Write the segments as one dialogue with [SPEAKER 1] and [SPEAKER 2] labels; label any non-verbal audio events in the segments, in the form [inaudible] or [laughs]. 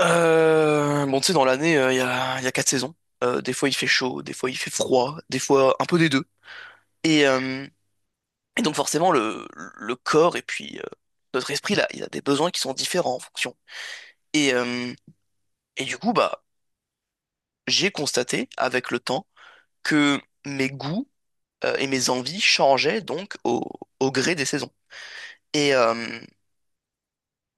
[SPEAKER 1] Bon, tu sais, dans l'année, il y a quatre saisons. Des fois, il fait chaud, des fois, il fait froid, des fois, un peu des deux. Et, euh, et donc, forcément, le corps et puis notre esprit, là, il a des besoins qui sont différents en fonction. Et, euh, et du coup, bah, j'ai constaté avec le temps que mes goûts et mes envies changeaient donc au gré des saisons. Et, euh,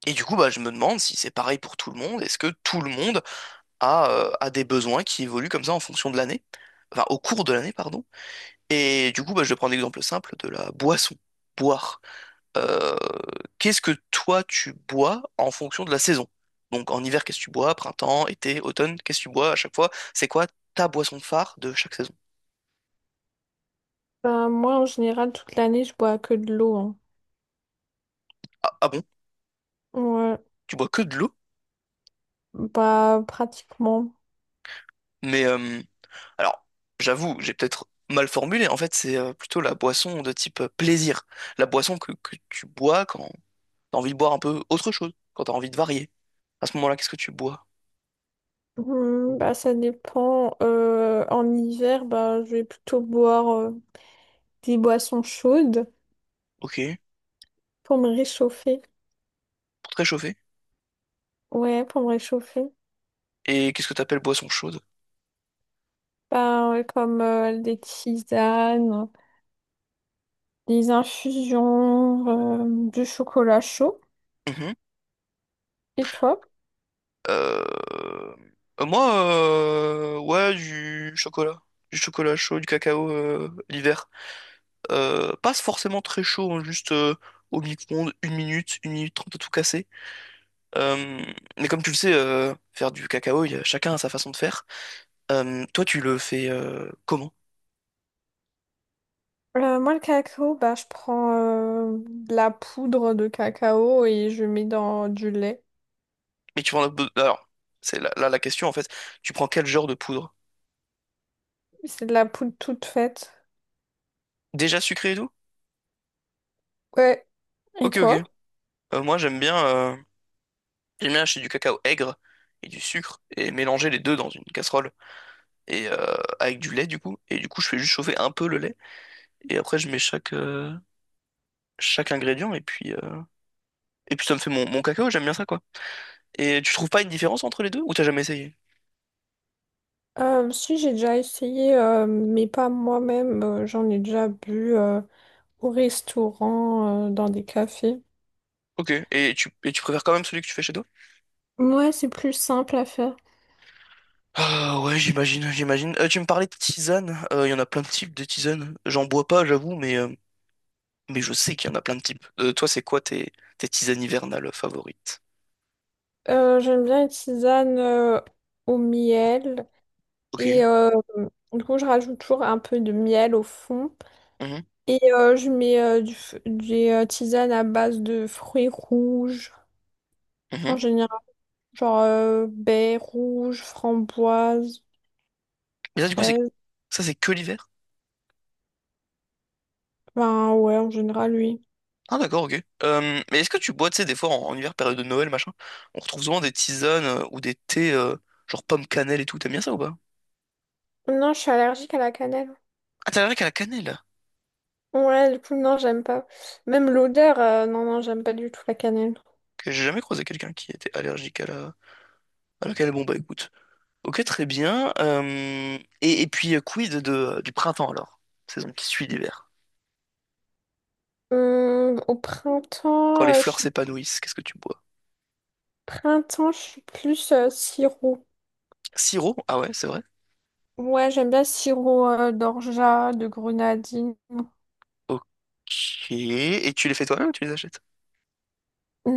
[SPEAKER 1] et du coup, bah, je me demande si c'est pareil pour tout le monde. Est-ce que tout le monde a des besoins qui évoluent comme ça en fonction de l'année? Enfin, au cours de l'année, pardon. Et du coup, bah, je vais prendre l'exemple simple de la boisson. Boire. Euh, Qu'est-ce que toi tu bois en fonction de la saison? Donc en hiver, qu'est-ce que tu bois? Printemps, été, automne, qu'est-ce que tu bois à chaque fois? C'est quoi ta boisson phare de chaque saison?
[SPEAKER 2] Bah, moi, en général, toute l'année, je bois que de l'eau, hein.
[SPEAKER 1] Ah, ah bon?
[SPEAKER 2] Ouais,
[SPEAKER 1] Tu bois que de l'eau?
[SPEAKER 2] bah, pratiquement.
[SPEAKER 1] Mais alors, j'avoue, j'ai peut-être mal formulé. En fait, c'est plutôt la boisson de type plaisir. La boisson que tu bois quand t'as envie de boire un peu autre chose, quand t'as envie de varier. À ce moment-là, qu'est-ce que tu bois?
[SPEAKER 2] Hmm, bah, ça dépend. En hiver, bah, je vais plutôt boire des boissons chaudes
[SPEAKER 1] Ok,
[SPEAKER 2] pour me réchauffer.
[SPEAKER 1] pour te réchauffer.
[SPEAKER 2] Ouais, pour me réchauffer.
[SPEAKER 1] Et qu'est-ce que t'appelles boisson chaude?
[SPEAKER 2] Bah, ouais, comme des tisanes, des infusions, du chocolat chaud.
[SPEAKER 1] Mhm.
[SPEAKER 2] Et toi?
[SPEAKER 1] Euh, Moi, ouais, du chocolat. Du chocolat chaud, du cacao l'hiver. Pas forcément très chaud, hein, juste au micro-ondes, 1 minute, 1 minute 30 à tout casser. Euh, mais comme tu le sais, faire du cacao, chacun a sa façon de faire. Toi, tu le fais comment?
[SPEAKER 2] Moi, le cacao, bah, je prends de la poudre de cacao et je mets dans du lait.
[SPEAKER 1] Mais tu prends la... Alors, c'est là la question en fait. Tu prends quel genre de poudre?
[SPEAKER 2] C'est de la poudre toute faite.
[SPEAKER 1] Déjà sucré et tout?
[SPEAKER 2] Ouais. Et
[SPEAKER 1] Ok, ok.
[SPEAKER 2] toi?
[SPEAKER 1] Moi, j'aime bien acheter du cacao aigre et du sucre et mélanger les deux dans une casserole et avec du lait du coup. Et du coup, je fais juste chauffer un peu le lait et après je mets chaque ingrédient et puis et puis ça me fait mon cacao. J'aime bien ça quoi. Et tu trouves pas une différence entre les deux ou t'as jamais essayé?
[SPEAKER 2] Si j'ai déjà essayé, mais pas moi-même, j'en ai déjà bu au restaurant, dans des cafés.
[SPEAKER 1] Ok. Et tu préfères quand même celui que tu fais chez toi?
[SPEAKER 2] Ouais, c'est plus simple à faire.
[SPEAKER 1] Ah ouais, j'imagine, j'imagine. Tu me parlais de tisane. Il y en a plein de types de tisane. J'en bois pas, j'avoue, mais je sais qu'il y en a plein de types. Toi, c'est quoi tes tisanes hivernales favorites?
[SPEAKER 2] J'aime bien les tisanes au miel.
[SPEAKER 1] Ok.
[SPEAKER 2] Et du coup, je rajoute toujours un peu de miel au fond.
[SPEAKER 1] Mhm,
[SPEAKER 2] Et je mets du f- des tisanes à base de fruits rouges.
[SPEAKER 1] mhm.
[SPEAKER 2] En général, genre baies rouges, framboises,
[SPEAKER 1] Mais ça, du coup,
[SPEAKER 2] fraises.
[SPEAKER 1] c'est que l'hiver?
[SPEAKER 2] Ben ouais, en général, oui.
[SPEAKER 1] Ah, d'accord, ok. Mais est-ce que tu bois, tu sais, des fois, en hiver, période de Noël, machin, on retrouve souvent des tisanes ou des thés, genre pomme cannelle et tout. T'aimes bien ça ou pas?
[SPEAKER 2] Non, je suis allergique à la cannelle.
[SPEAKER 1] Ah, t'es allergique à la cannelle?
[SPEAKER 2] Ouais, du coup, non, j'aime pas. Même l'odeur, non, non, j'aime pas du tout la cannelle.
[SPEAKER 1] Que j'ai jamais croisé quelqu'un qui était allergique à la cannelle. Bon, bah, écoute. Ok, très bien. Et puis, quid du printemps, alors? Saison qui suit l'hiver.
[SPEAKER 2] Au
[SPEAKER 1] Quand
[SPEAKER 2] printemps,
[SPEAKER 1] les
[SPEAKER 2] je
[SPEAKER 1] fleurs
[SPEAKER 2] suis...
[SPEAKER 1] s'épanouissent, qu'est-ce que tu bois?
[SPEAKER 2] Printemps, je suis plus sirop.
[SPEAKER 1] Sirop? Ah ouais, c'est vrai.
[SPEAKER 2] Ouais, j'aime bien sirop d'orgeat, de grenadine.
[SPEAKER 1] Ok. Et tu les fais toi-même ou tu les achètes?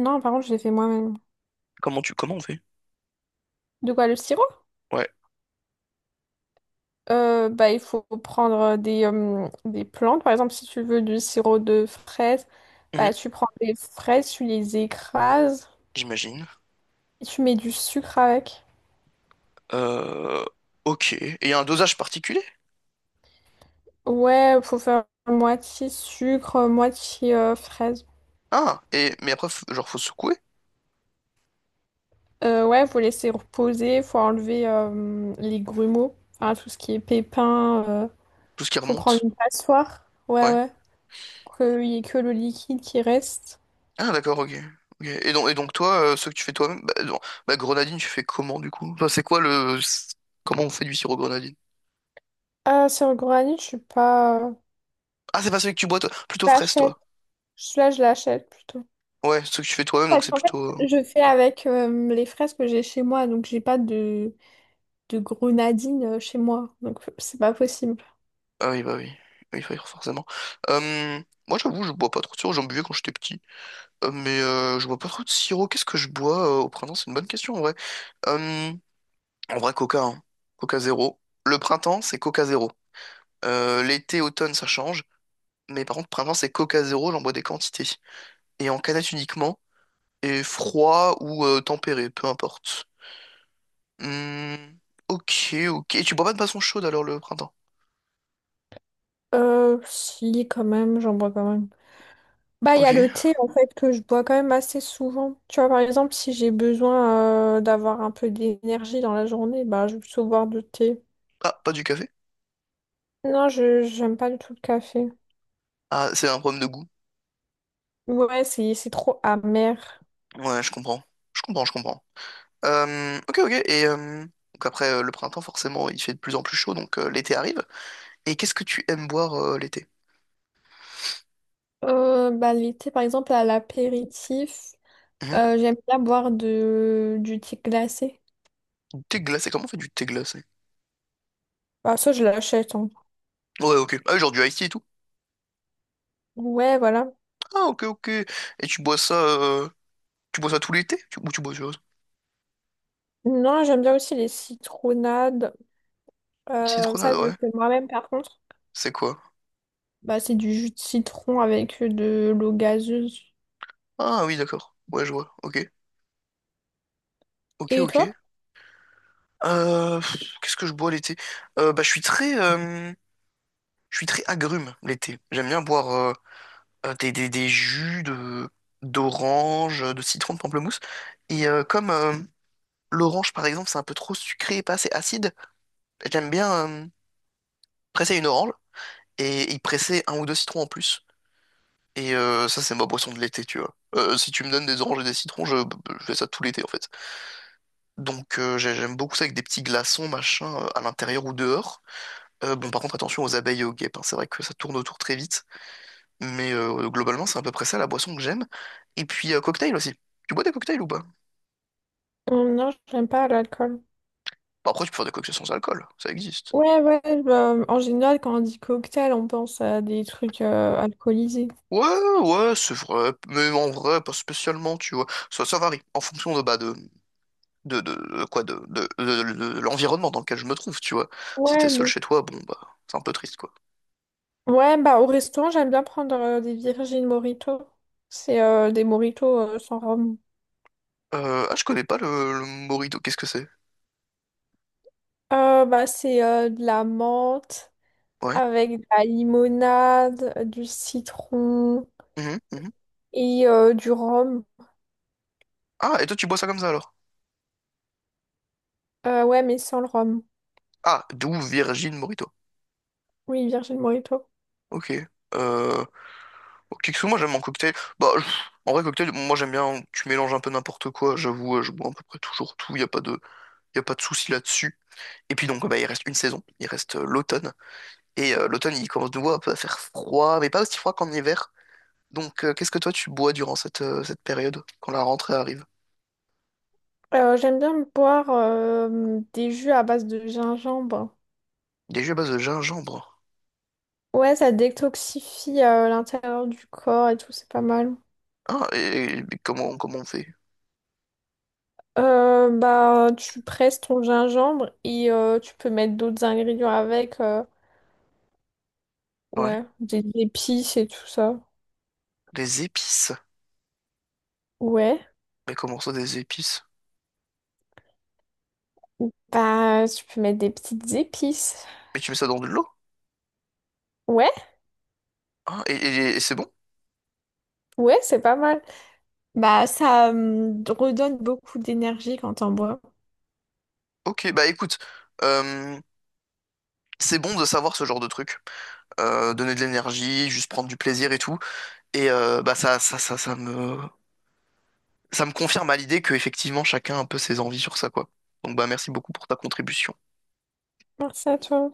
[SPEAKER 2] Non, par contre, je l'ai fait moi-même.
[SPEAKER 1] Comment on fait?
[SPEAKER 2] De quoi, le sirop?
[SPEAKER 1] Ouais.
[SPEAKER 2] Bah, il faut prendre des plantes. Par exemple, si tu veux du sirop de fraise,
[SPEAKER 1] Mhm.
[SPEAKER 2] bah, tu prends des fraises, tu les écrases
[SPEAKER 1] J'imagine.
[SPEAKER 2] et tu mets du sucre avec.
[SPEAKER 1] Euh, ok. Et il y a un dosage particulier?
[SPEAKER 2] Ouais, faut faire moitié sucre, moitié fraise.
[SPEAKER 1] Ah, mais après, genre, faut secouer
[SPEAKER 2] Ouais, faut laisser reposer, faut enlever les grumeaux, enfin tout ce qui est pépins,
[SPEAKER 1] tout ce qui
[SPEAKER 2] faut prendre
[SPEAKER 1] remonte.
[SPEAKER 2] une passoire. Ouais,
[SPEAKER 1] Ouais.
[SPEAKER 2] ouais, pour qu'il y ait que le liquide qui reste.
[SPEAKER 1] Ah, d'accord, ok. Ok. Et donc toi, ce que tu fais toi-même, bah, non. Bah, grenadine, tu fais comment du coup? Enfin, c'est quoi le. Comment on fait du sirop grenadine?
[SPEAKER 2] Ah, sur le granit, je suis pas.
[SPEAKER 1] Ah, c'est pas celui que tu bois toi, plutôt
[SPEAKER 2] Je
[SPEAKER 1] fraise
[SPEAKER 2] l'achète.
[SPEAKER 1] toi.
[SPEAKER 2] Celui-là, je l'achète plutôt.
[SPEAKER 1] Ouais, ce que tu fais toi-même, donc
[SPEAKER 2] Parce
[SPEAKER 1] c'est
[SPEAKER 2] qu'en fait,
[SPEAKER 1] plutôt.
[SPEAKER 2] je fais avec les fraises que j'ai chez moi, donc j'ai pas de grenadine chez moi. Donc, [laughs] c'est pas possible.
[SPEAKER 1] Ah oui, bah oui. Oui, forcément. Euh, Moi, j'avoue, je bois pas trop de sirop, j'en buvais quand j'étais petit. Mais je bois pas trop de sirop. Qu'est-ce que je bois au printemps? C'est une bonne question en vrai. Euh, En vrai, Coca, hein. Coca zéro. Le printemps, c'est Coca zéro. L'été, automne, ça change. Mais par contre, printemps, c'est Coca zéro. J'en bois des quantités. Et en canette uniquement. Et froid ou tempéré, peu importe. Hmm, ok, ok. Et tu bois pas de boisson chaude alors le printemps?
[SPEAKER 2] Si, quand même, j'en bois quand même. Bah, il y
[SPEAKER 1] Ok.
[SPEAKER 2] a le thé, en fait, que je bois quand même assez souvent. Tu vois, par exemple, si j'ai besoin d'avoir un peu d'énergie dans la journée, bah, je vais plutôt boire du thé.
[SPEAKER 1] Ah, pas du café?
[SPEAKER 2] Non, je j'aime pas du tout le café.
[SPEAKER 1] Ah, c'est un problème de goût.
[SPEAKER 2] Ouais, c'est trop amer.
[SPEAKER 1] Ouais, je comprends. Je comprends, je comprends. Ok, ok. Et donc après le printemps, forcément, il fait de plus en plus chaud, donc l'été arrive. Et qu'est-ce que tu aimes boire l'été?
[SPEAKER 2] Bah, l'été, par exemple, à l'apéritif,
[SPEAKER 1] Mhm.
[SPEAKER 2] j'aime bien boire du thé glacé.
[SPEAKER 1] Du thé glacé, comment on fait du thé glacé?
[SPEAKER 2] Bah, ça, je l'achète, hein.
[SPEAKER 1] Ouais, ok. Ah, genre du ice tea et tout.
[SPEAKER 2] Ouais, voilà.
[SPEAKER 1] Ah, ok, ok. Et tu bois ça, euh, tu bois ça tout l'été? Ou tu bois autre chose?
[SPEAKER 2] Non, j'aime bien aussi les citronnades.
[SPEAKER 1] Citronade,
[SPEAKER 2] Ça, je le
[SPEAKER 1] ouais.
[SPEAKER 2] fais moi-même, par contre.
[SPEAKER 1] C'est quoi?
[SPEAKER 2] Bah, c'est du jus de citron avec de l'eau gazeuse.
[SPEAKER 1] Ah oui, d'accord. Ouais, je vois. Ok, ok,
[SPEAKER 2] Et
[SPEAKER 1] ok.
[SPEAKER 2] toi?
[SPEAKER 1] Qu'est-ce que je bois l'été? Bah, je suis très agrume l'été. J'aime bien boire. Des jus de d'orange, de citron, de pamplemousse. Et comme l'orange, par exemple, c'est un peu trop sucré et pas assez acide, j'aime bien presser une orange et y presser un ou deux citrons en plus. Et ça, c'est ma boisson de l'été, tu vois. Si tu me donnes des oranges et des citrons, je fais ça tout l'été, en fait. Donc j'aime beaucoup ça avec des petits glaçons, machin, à l'intérieur ou dehors. Bon, par contre, attention aux abeilles et aux guêpes, hein. C'est vrai que ça tourne autour très vite. Mais globalement, c'est à peu près ça la boisson que j'aime. Et puis, cocktail aussi. Tu bois des cocktails ou pas?
[SPEAKER 2] Non, j'aime pas l'alcool.
[SPEAKER 1] Bah, après, tu peux faire des cocktails sans alcool, ça existe.
[SPEAKER 2] Ouais, ouais, bah, en général, quand on dit cocktail, on pense à des trucs alcoolisés.
[SPEAKER 1] Ouais, ouais, c'est vrai, mais en vrai, pas spécialement, tu vois. Ça varie en fonction de l'environnement dans lequel je me trouve, tu vois. Si t'es
[SPEAKER 2] Ouais,
[SPEAKER 1] seul
[SPEAKER 2] mais...
[SPEAKER 1] chez toi, bon, bah, c'est un peu triste, quoi.
[SPEAKER 2] Ouais, bah, au restaurant, j'aime bien prendre des Virgin Mojito. C'est des mojitos sans rhum.
[SPEAKER 1] Je connais pas le Morito, qu'est-ce que c'est?
[SPEAKER 2] Bah, c'est de la menthe,
[SPEAKER 1] Ouais.
[SPEAKER 2] avec de la limonade, du citron
[SPEAKER 1] Mhm, mhm.
[SPEAKER 2] et du rhum.
[SPEAKER 1] Ah, et toi, tu bois ça comme ça alors?
[SPEAKER 2] Ouais, mais sans le rhum.
[SPEAKER 1] Ah, d'où Virgin Morito.
[SPEAKER 2] Oui, Virgin Mojito.
[SPEAKER 1] Ok. Euh, Kiksou, moi, j'aime mon cocktail. Bah, en vrai, cocktail, moi, j'aime bien, tu mélanges un peu n'importe quoi, j'avoue, je bois à peu près toujours tout, y a pas de souci là-dessus. Et puis donc bah, il reste une saison, il reste l'automne. Et l'automne il commence de nouveau un peu à faire froid, mais pas aussi froid qu'en hiver. Donc qu'est-ce que toi tu bois durant cette période, quand la rentrée arrive?
[SPEAKER 2] J'aime bien boire des jus à base de gingembre.
[SPEAKER 1] Des jus à base de gingembre.
[SPEAKER 2] Ouais, ça détoxifie l'intérieur du corps et tout, c'est pas mal.
[SPEAKER 1] Ah, mais comment on fait?
[SPEAKER 2] Bah, tu presses ton gingembre et tu peux mettre d'autres ingrédients avec,
[SPEAKER 1] Ouais.
[SPEAKER 2] ouais, des épices et tout ça.
[SPEAKER 1] Des épices.
[SPEAKER 2] Ouais.
[SPEAKER 1] Mais comment ça des épices?
[SPEAKER 2] Bah, tu peux mettre des petites épices.
[SPEAKER 1] Mais tu mets ça dans de l'eau?
[SPEAKER 2] Ouais,
[SPEAKER 1] Ah, et c'est bon?
[SPEAKER 2] ouais, c'est pas mal. Bah, ça, redonne beaucoup d'énergie quand on boit.
[SPEAKER 1] Ok, bah écoute, euh, c'est bon de savoir ce genre de truc. Donner de l'énergie, juste prendre du plaisir et tout. Et bah ça me confirme à l'idée que effectivement chacun a un peu ses envies sur ça, quoi. Donc bah merci beaucoup pour ta contribution.
[SPEAKER 2] Merci à toi.